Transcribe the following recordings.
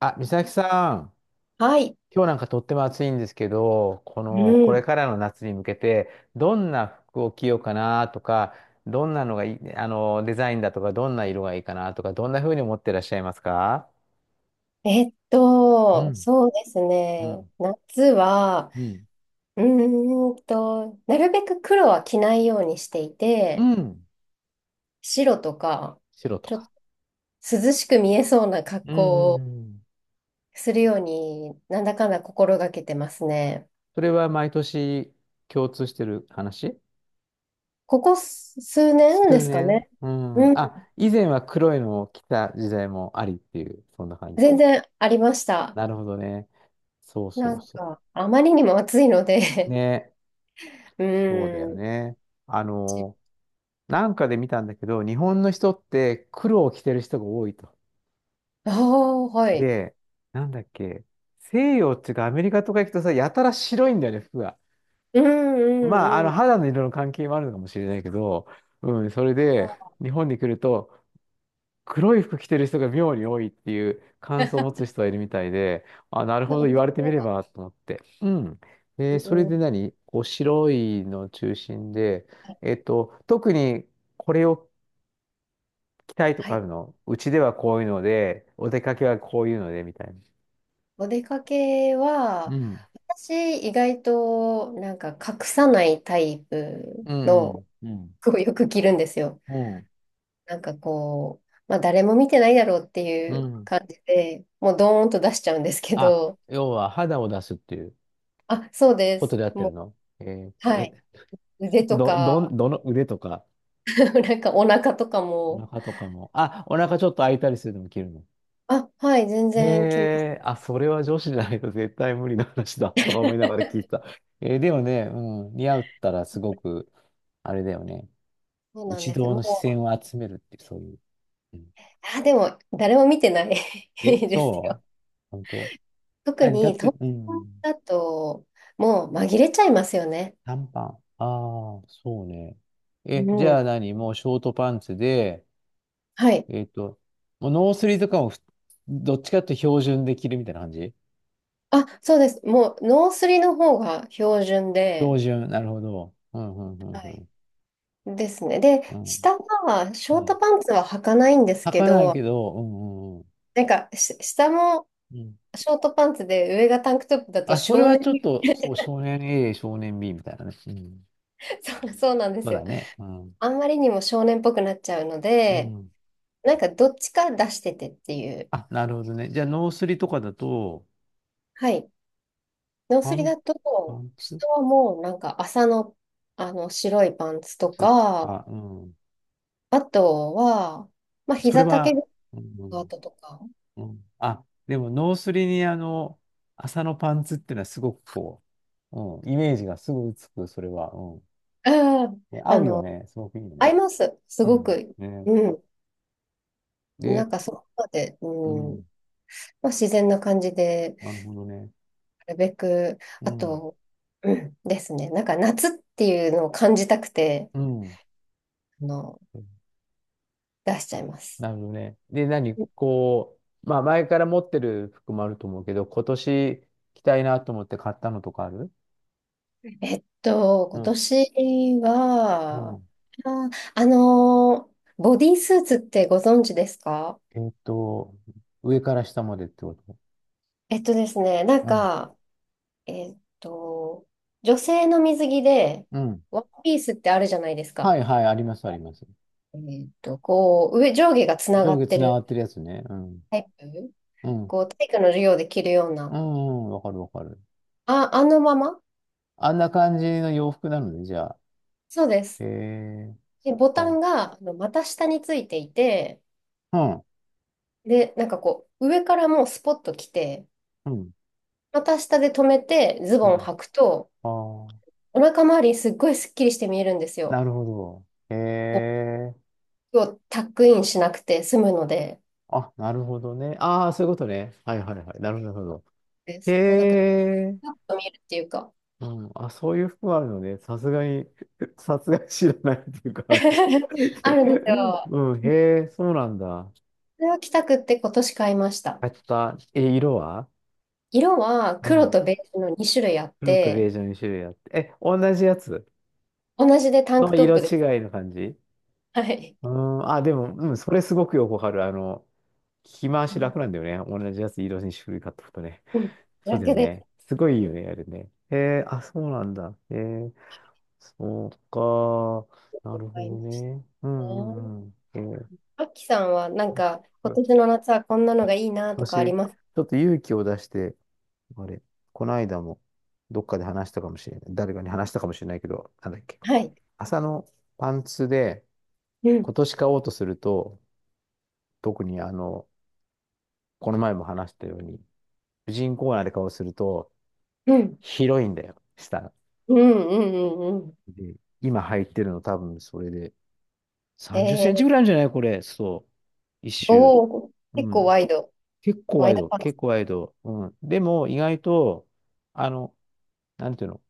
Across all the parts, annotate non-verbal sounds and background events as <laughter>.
あ、美咲さん、はい。今日なんかとっても暑いんですけど、こうの、これん。からの夏に向けて、どんな服を着ようかなとか、どんなのがいい、デザインだとか、どんな色がいいかなとか、どんな風に思ってらっしゃいますか？うん、そうですうね。ん、夏は、うん、なるべく黒は着ないようにしていうて、ん、白とか、白とちょっか。と涼しく見えそうな格うん、う好んうをん。するように、なんだかんだ心がけてますね。それは毎年共通してる話？ここ数年で数すか年。ね。うん。うん。あ、以前は黒いのを着た時代もありっていう、そんな感じ。全然ありました。なるほどね。そうそなうんそか、あまりにも暑いのう。で ね、 <laughs> うそうだよーん。ね。あの、なんかで見たんだけど、日本の人って黒を着てる人が多いと。ああ、はい。で、なんだっけ、西洋っていうかアメリカとか行くとさ、やたら白いんだよね、服が。うんうまあ、んうん。肌の色の関係もあるのかもしれないけど、うん、それで、日本に来ると、黒い服着てる人が妙に多いっていう感想を持つ人がいるみたいで、あ、なるほど、お言出われてみれかばと思って。うん。けうで、それんうでん何こう白いの中心で、特にこれを着たいとはかあい。るの？うちではこういうので、お出かけはこういうので、みたいな。お出かけうは、ん。私、意外と、なんか、隠さないタイプうのん。うん。服をよく着るんですよ。うん。なんかこう、まあ、誰も見てないだろうってういうんうん。感じで、もう、ドーンと出しちゃうんですけあ、ど、要は肌を出すっていうあ、そうでことす。でやってもるの？えーう、はえ、い。腕とど、どか、ん、どの腕とか、<laughs> なんか、お腹とかおも、腹とかも。あ、お腹ちょっと開いたりするのも着るの？あ、はい、全然着ます。ええ、あ、それは女子じゃないと絶対無理な話だとか思いながら聞いてた。えーでもね、うん、似合ったらすごく、あれだよね。そうなん一ですよ。同の視も線う、を集めるって、そういう。うん。あ、でも、誰も見てない え、<laughs> ですよ。そう？本当？特何だにって、東京うん、だと、もう紛れちゃいますよね。短パン。ああ、そうね。え、じうゃん。あ何もうショートパンツで、はい。えっと、もうノースリーとかもふ、どっちかっていうと標準で着るみたいな感じ？あ、そうです。もう、ノースリの方が標準標で、準、なるほど。うん、うん、うん、はうい。ん。ですね。で、うん下は、シうョートん。パンツは履かないんです履けかないど、けど、うんうんうん。なんか、し下もショートパンツで、上がタンクトップだとあ、それ少は年、ちょっと、そう、少年 A、少年 B みたいなね。うん。<laughs> そうそうなんでそすうだよ。ね。うん。あんまりにも少年っぽくなっちゃうのうで、ん。なんか、どっちか出しててっていう。あ、なるほどね。じゃあ、ノースリとかだと、はい。ノーパスリン、だパと、ンツ下はもうなんか朝の、あの白いパンツとつか、か、うん。あとは、まあそれ膝丈は、のスうカーん、トとか、うん。あ、でも、ノースリに、麻のパンツっていうのは、すごくこう、うん、イメージがすぐつく、それは。うん。うん、で合あうよの、ね。すごくいいよ合ね。います。すうごん。く。ね。うん。なで、んかそこまで、ううん。ん。まあ自然な感じで、なるほどね。なるべく、うあん。と、うん、ですね。なんか夏っていうのを感じたくて、うん。あの、うん。出しちゃいます。なるほどね。で、何こう、まあ前から持ってる服もあると思うけど、今年着たいなと思って買ったのとかある？う今ん。年うは、ん。あ、あのボディースーツってご存知ですか？えーっと、上から下までってこと？えっとですね、なんうん。か、えっと、女性の水着で、うん。ワンピースってあるじゃないですはか。いはい、あります、あります。えこう、上下がつなが上っ下てつながるってるやつね。うん。タイプ、うん。こう、体育の授業で着るよううな、ん、うん、わかるわかる。あ、あのままあんな感じの洋服なのね、じゃあ。そうでへす。えー、で、ボタか。ンが、あの股下についていて、うん。で、なんかこう、上からもうスポッと来て、うん。股下で止めてズうボンん。履くと、ああ、お腹周り、すっごいスッキリして見えるんですなよ。るほど。へこえー。うをタックインしなくて済むので、あ、なるほどね。ああ、そういうことね。はいはいはい。なるほど、なるほど。でへす。もうなんか、ちえ。ょッと見えるっていうか うん。あ、そういう服あるのね。さすがに、<laughs> さすがに知らないっていうか、あの <laughs> あるんです <laughs> よ。うん、へえ、そうなんだ。それを着たくって今年買いました。買った。え、色は？色はう黒ん。とベージュの2種類あっ黒とベて、ージュの2種類あって。え、同じやつ同じでタンクのトッ色プです。違いの感じ？はい。うん。あ、でも、うん、それすごくよくわかる。着回し楽なんだよね。同じやつ色に種類買っとくとね。うん。そうだだよけでね。すごいいいよね、あれね。へえ、あ、そうなんだ。へえ。そうか。なるほ買いまどしね。うたね。んうんうん。そう、アッキさんはなんか今年の夏はこんなのがいいなと私、かありちますょっと勇気を出して、あれ、この間もどっかで話したかもしれない。誰かに話したかもしれないけど、なんだっけ。はい。朝のパンツでうん。今年買おうとすると、特にこの前も話したように、婦人コーナーで買おうとすると、うん。広いんだよ、下。うんうんうんうん。で、今入ってるの多分それでへ30センチえ、ぐらいあるんじゃないこれ。そう。一周。おお、結う構ん。ワイド、結構ワワイイドド、パンツ。結構ワイド。うん。でも、意外と、あの、なんていうの、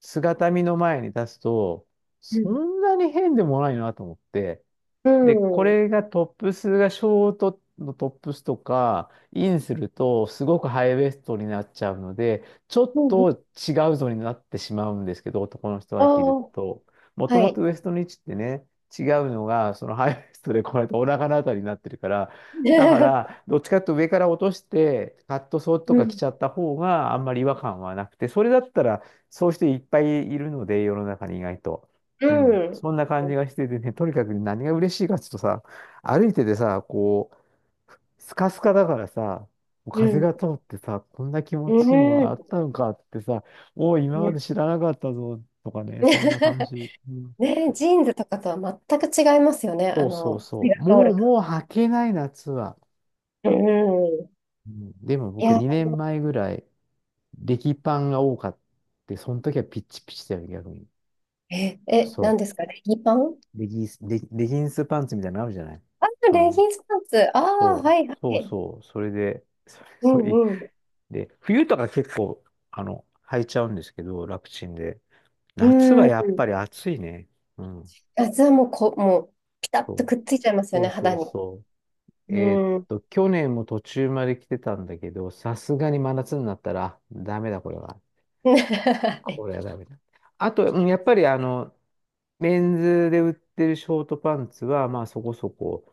姿見の前に立つと、うそん。んなに変でもないなと思って、うで、こん。れがトップスがショートのトップスとか、インするとすごくハイウエストになっちゃうので、ちょっうん。と違うぞになってしまうんですけど、男の人あが着るあ、と。もはともい。とウエストの位置ってね、違うのが、そのハイウエストでこうやってお腹のあたりになってるから、だか <laughs> ら、どっちかっていうと上から落として、カットソーとうか着ん。ちゃった方があんまり違和感はなくて、それだったら、そういう人いっぱいいるので、世の中に意外と。ううん、ん。そんな感じがしててね、とにかく何が嬉しいかっていうとさ、歩いててさ、こう、スカスカだからさ、う風ん。が通ってさ、こんな気持うちいいものあん。ったのかってさ、おお、今までね、知らなかったぞとかね、そんな感 <laughs> じ。うん。ねジーンズとかとは全く違いますよね。あそうそうの、火そがう。通もるう、感。もう履けない夏は。うん。うん、でもい僕や、2年前ぐらい、レギパンが多かった。その時はピッチピチだよ、逆に。何そですかレギパン？う。レギンスパンツみたいなのあるじゃない？あ、そレギの、ンスパンツ。ああ、そはいはう、そうい。そう、それで、<laughs> それ、<laughs> うそうんい、うん。で、冬とか結構、履いちゃうんですけど、楽ちんで。う夏はやっん。ぱり暑いね。うん。あ、じゃあもう、もう、ピタッとそう、くっついちゃいますよそね、うそ肌うに。そう。うえーっん。と、去年も途中まで来てたんだけど、さすがに真夏になったら、ダメだ、これは。<laughs> はい。これはダメだ。あと、うんやっぱり、メンズで売ってるショートパンツは、まあそこそこ、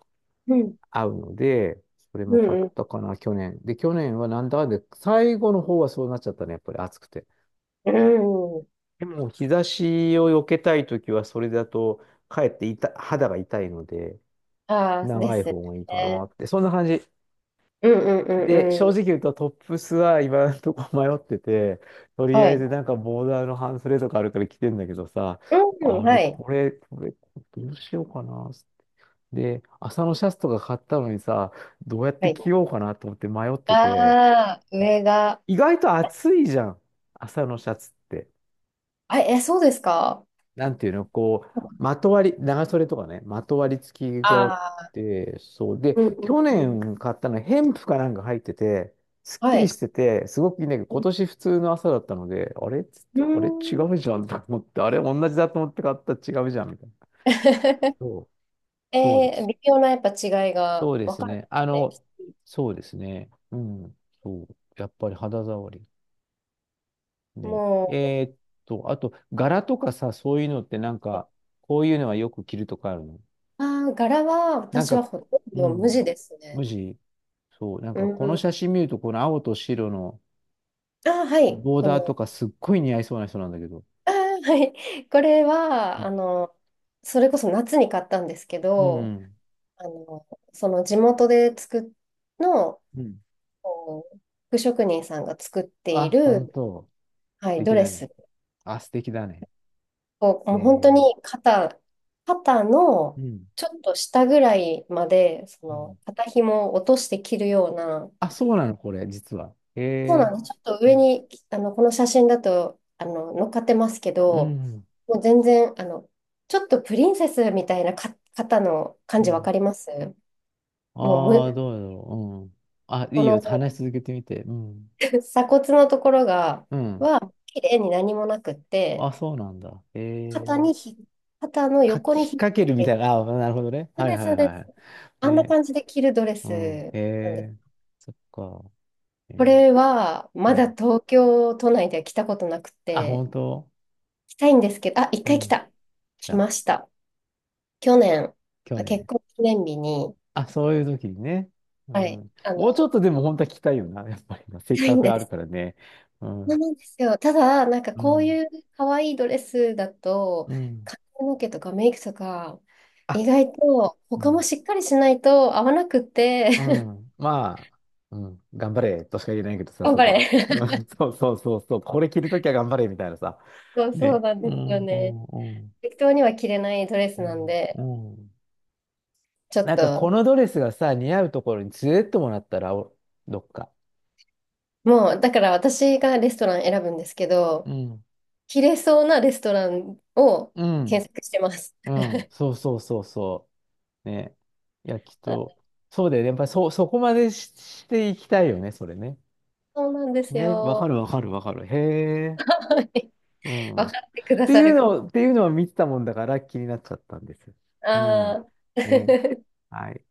<laughs> うん。合うので、それうも買っんうたかな、去年。で、去年はなんだかんで、最後の方はそうなっちゃったね、やっぱり暑くて。ん。うん。でも、日差しを避けたいときは、それだと、かえって痛肌が痛いので、ああ、で長いすよ方がいいかなね。って、そんな感じ。うんうんうで、ん正うん。直言うと、トップスは今のとこ迷ってて、とりはあえい。ずなんかボーダーの半スレとかあるから着てんだけどさ、うん、あれ、はい。これ、これ、どうしようかな。で、朝のシャツとか買ったのにさ、どうやっはてい。着ようかなと思って迷っあてて、あ、上が、意外と暑いじゃん。朝のシャツって。あ、え、そうですか？なんていうの、こう、まとわり、長袖とかね、まとわり付きがあっああて、そう。で、ー、うん去うんうん。年買ったのは、ヘンプかなんか入ってて、すっきはりしい。てて、すごくいいんだけど、今年普通の朝だったので、あれっつっうて、あれ違ん。ううん じゃんと思って、あれ同じだと思って買ったら違うじゃんみたいな。<laughs> そう、えそうでーす。微妙なやっぱ違いがそうで分すかるんね。でね。そうですね。うん、そう。やっぱり肌触り。ね。もえーっと、あと、柄とかさ、そういうのってなんか、こういうのはよく着るとかあるの？う、ああ、柄はなん私か、はほとんうど無ん、地です無ね。地？そう、なんうかこの写ん。真見ると、この青と白のああ、はい。ボーこダーとのかすっごい似合いそうな人なんだけど。あーはい。これうは、ん、あの、それこそ夏に買ったんですけうど、ん、あの、その地元で作っの、うん。こう、服職人さんが作っていあ、本る、当。は素い、ド敵レだね。スあ、素敵だね。を、えもう本当にー、肩、肩うのん。ちょっと下ぐらいまで、そうん。の、肩紐を落として着るような、あ、そうなの、これ、実は。そうなえんです。ちょっとー、う上ん。に、あの、この写真だと、あの、乗っかってますけうど、ん。もう全然、あの、ちょっとプリンセスみたいなか方の感じわかりますもうああー、む、どうだろう。うん。あ、いこいの よ。話し <laughs> 続けてみて。うん。鎖骨のところが、うん。は、綺麗に何もなくって、あ、そうなんだ。え肩え、にひ、肩のか横き、引にっ引っ掛け掛るみけたて、いな。あ、なるほどね。そうはいです、はそいうではす。い。あんなね。感じで着るドレうスん。えなんです。え、そっか。えこえ、れは、うまだん。東京都内では着たことなくあ、て、本当？着たいんですけど、あ、一う回来ん。た。来来た。ました。去年、去結年。婚記念日に、あ、そういう時にね。うはい、ん。あの、もうちょっ行とでも本当は聞きたいよな。<laughs> やっぱりな。せっきたいかんくであるす。からね。うそうん。なんですよ。ただ、なんかうこうん。いう可愛いドレスだと、うん。髪の毛とかメイクとか、意あ、外とう他もん。しっかりしないと合わなくって、う <laughs> ん。まあ、うん。頑張れとしか言えないけどさ、頑そ張こは。うん れ。<laughs> そうそうそうそう。これ着るときは頑張れみたいなさ。<laughs> そう、そね。うなんうですよんうね。んうん適当には着れないドレスうなんんで、うん。ちょっなんかこと、のドレスがさ、似合うところに連れてってもらったら、お、どっか。もう、だから私がレストラン選ぶんですけうど、ん着れそうなレストランをうん検索してます。うん、そうそうそうそう。ね。いや、きっと、<laughs> そうだよね。やっぱりそこまでしていきたいよね、それね。そうなんですね、わかよ。るわかるわかる。へえ。はい、うん。っ分かってくだてさいるうのか。を、っていうのは見てたもんだから気になっちゃったんです。うん。ああ。ね。<laughs> はい。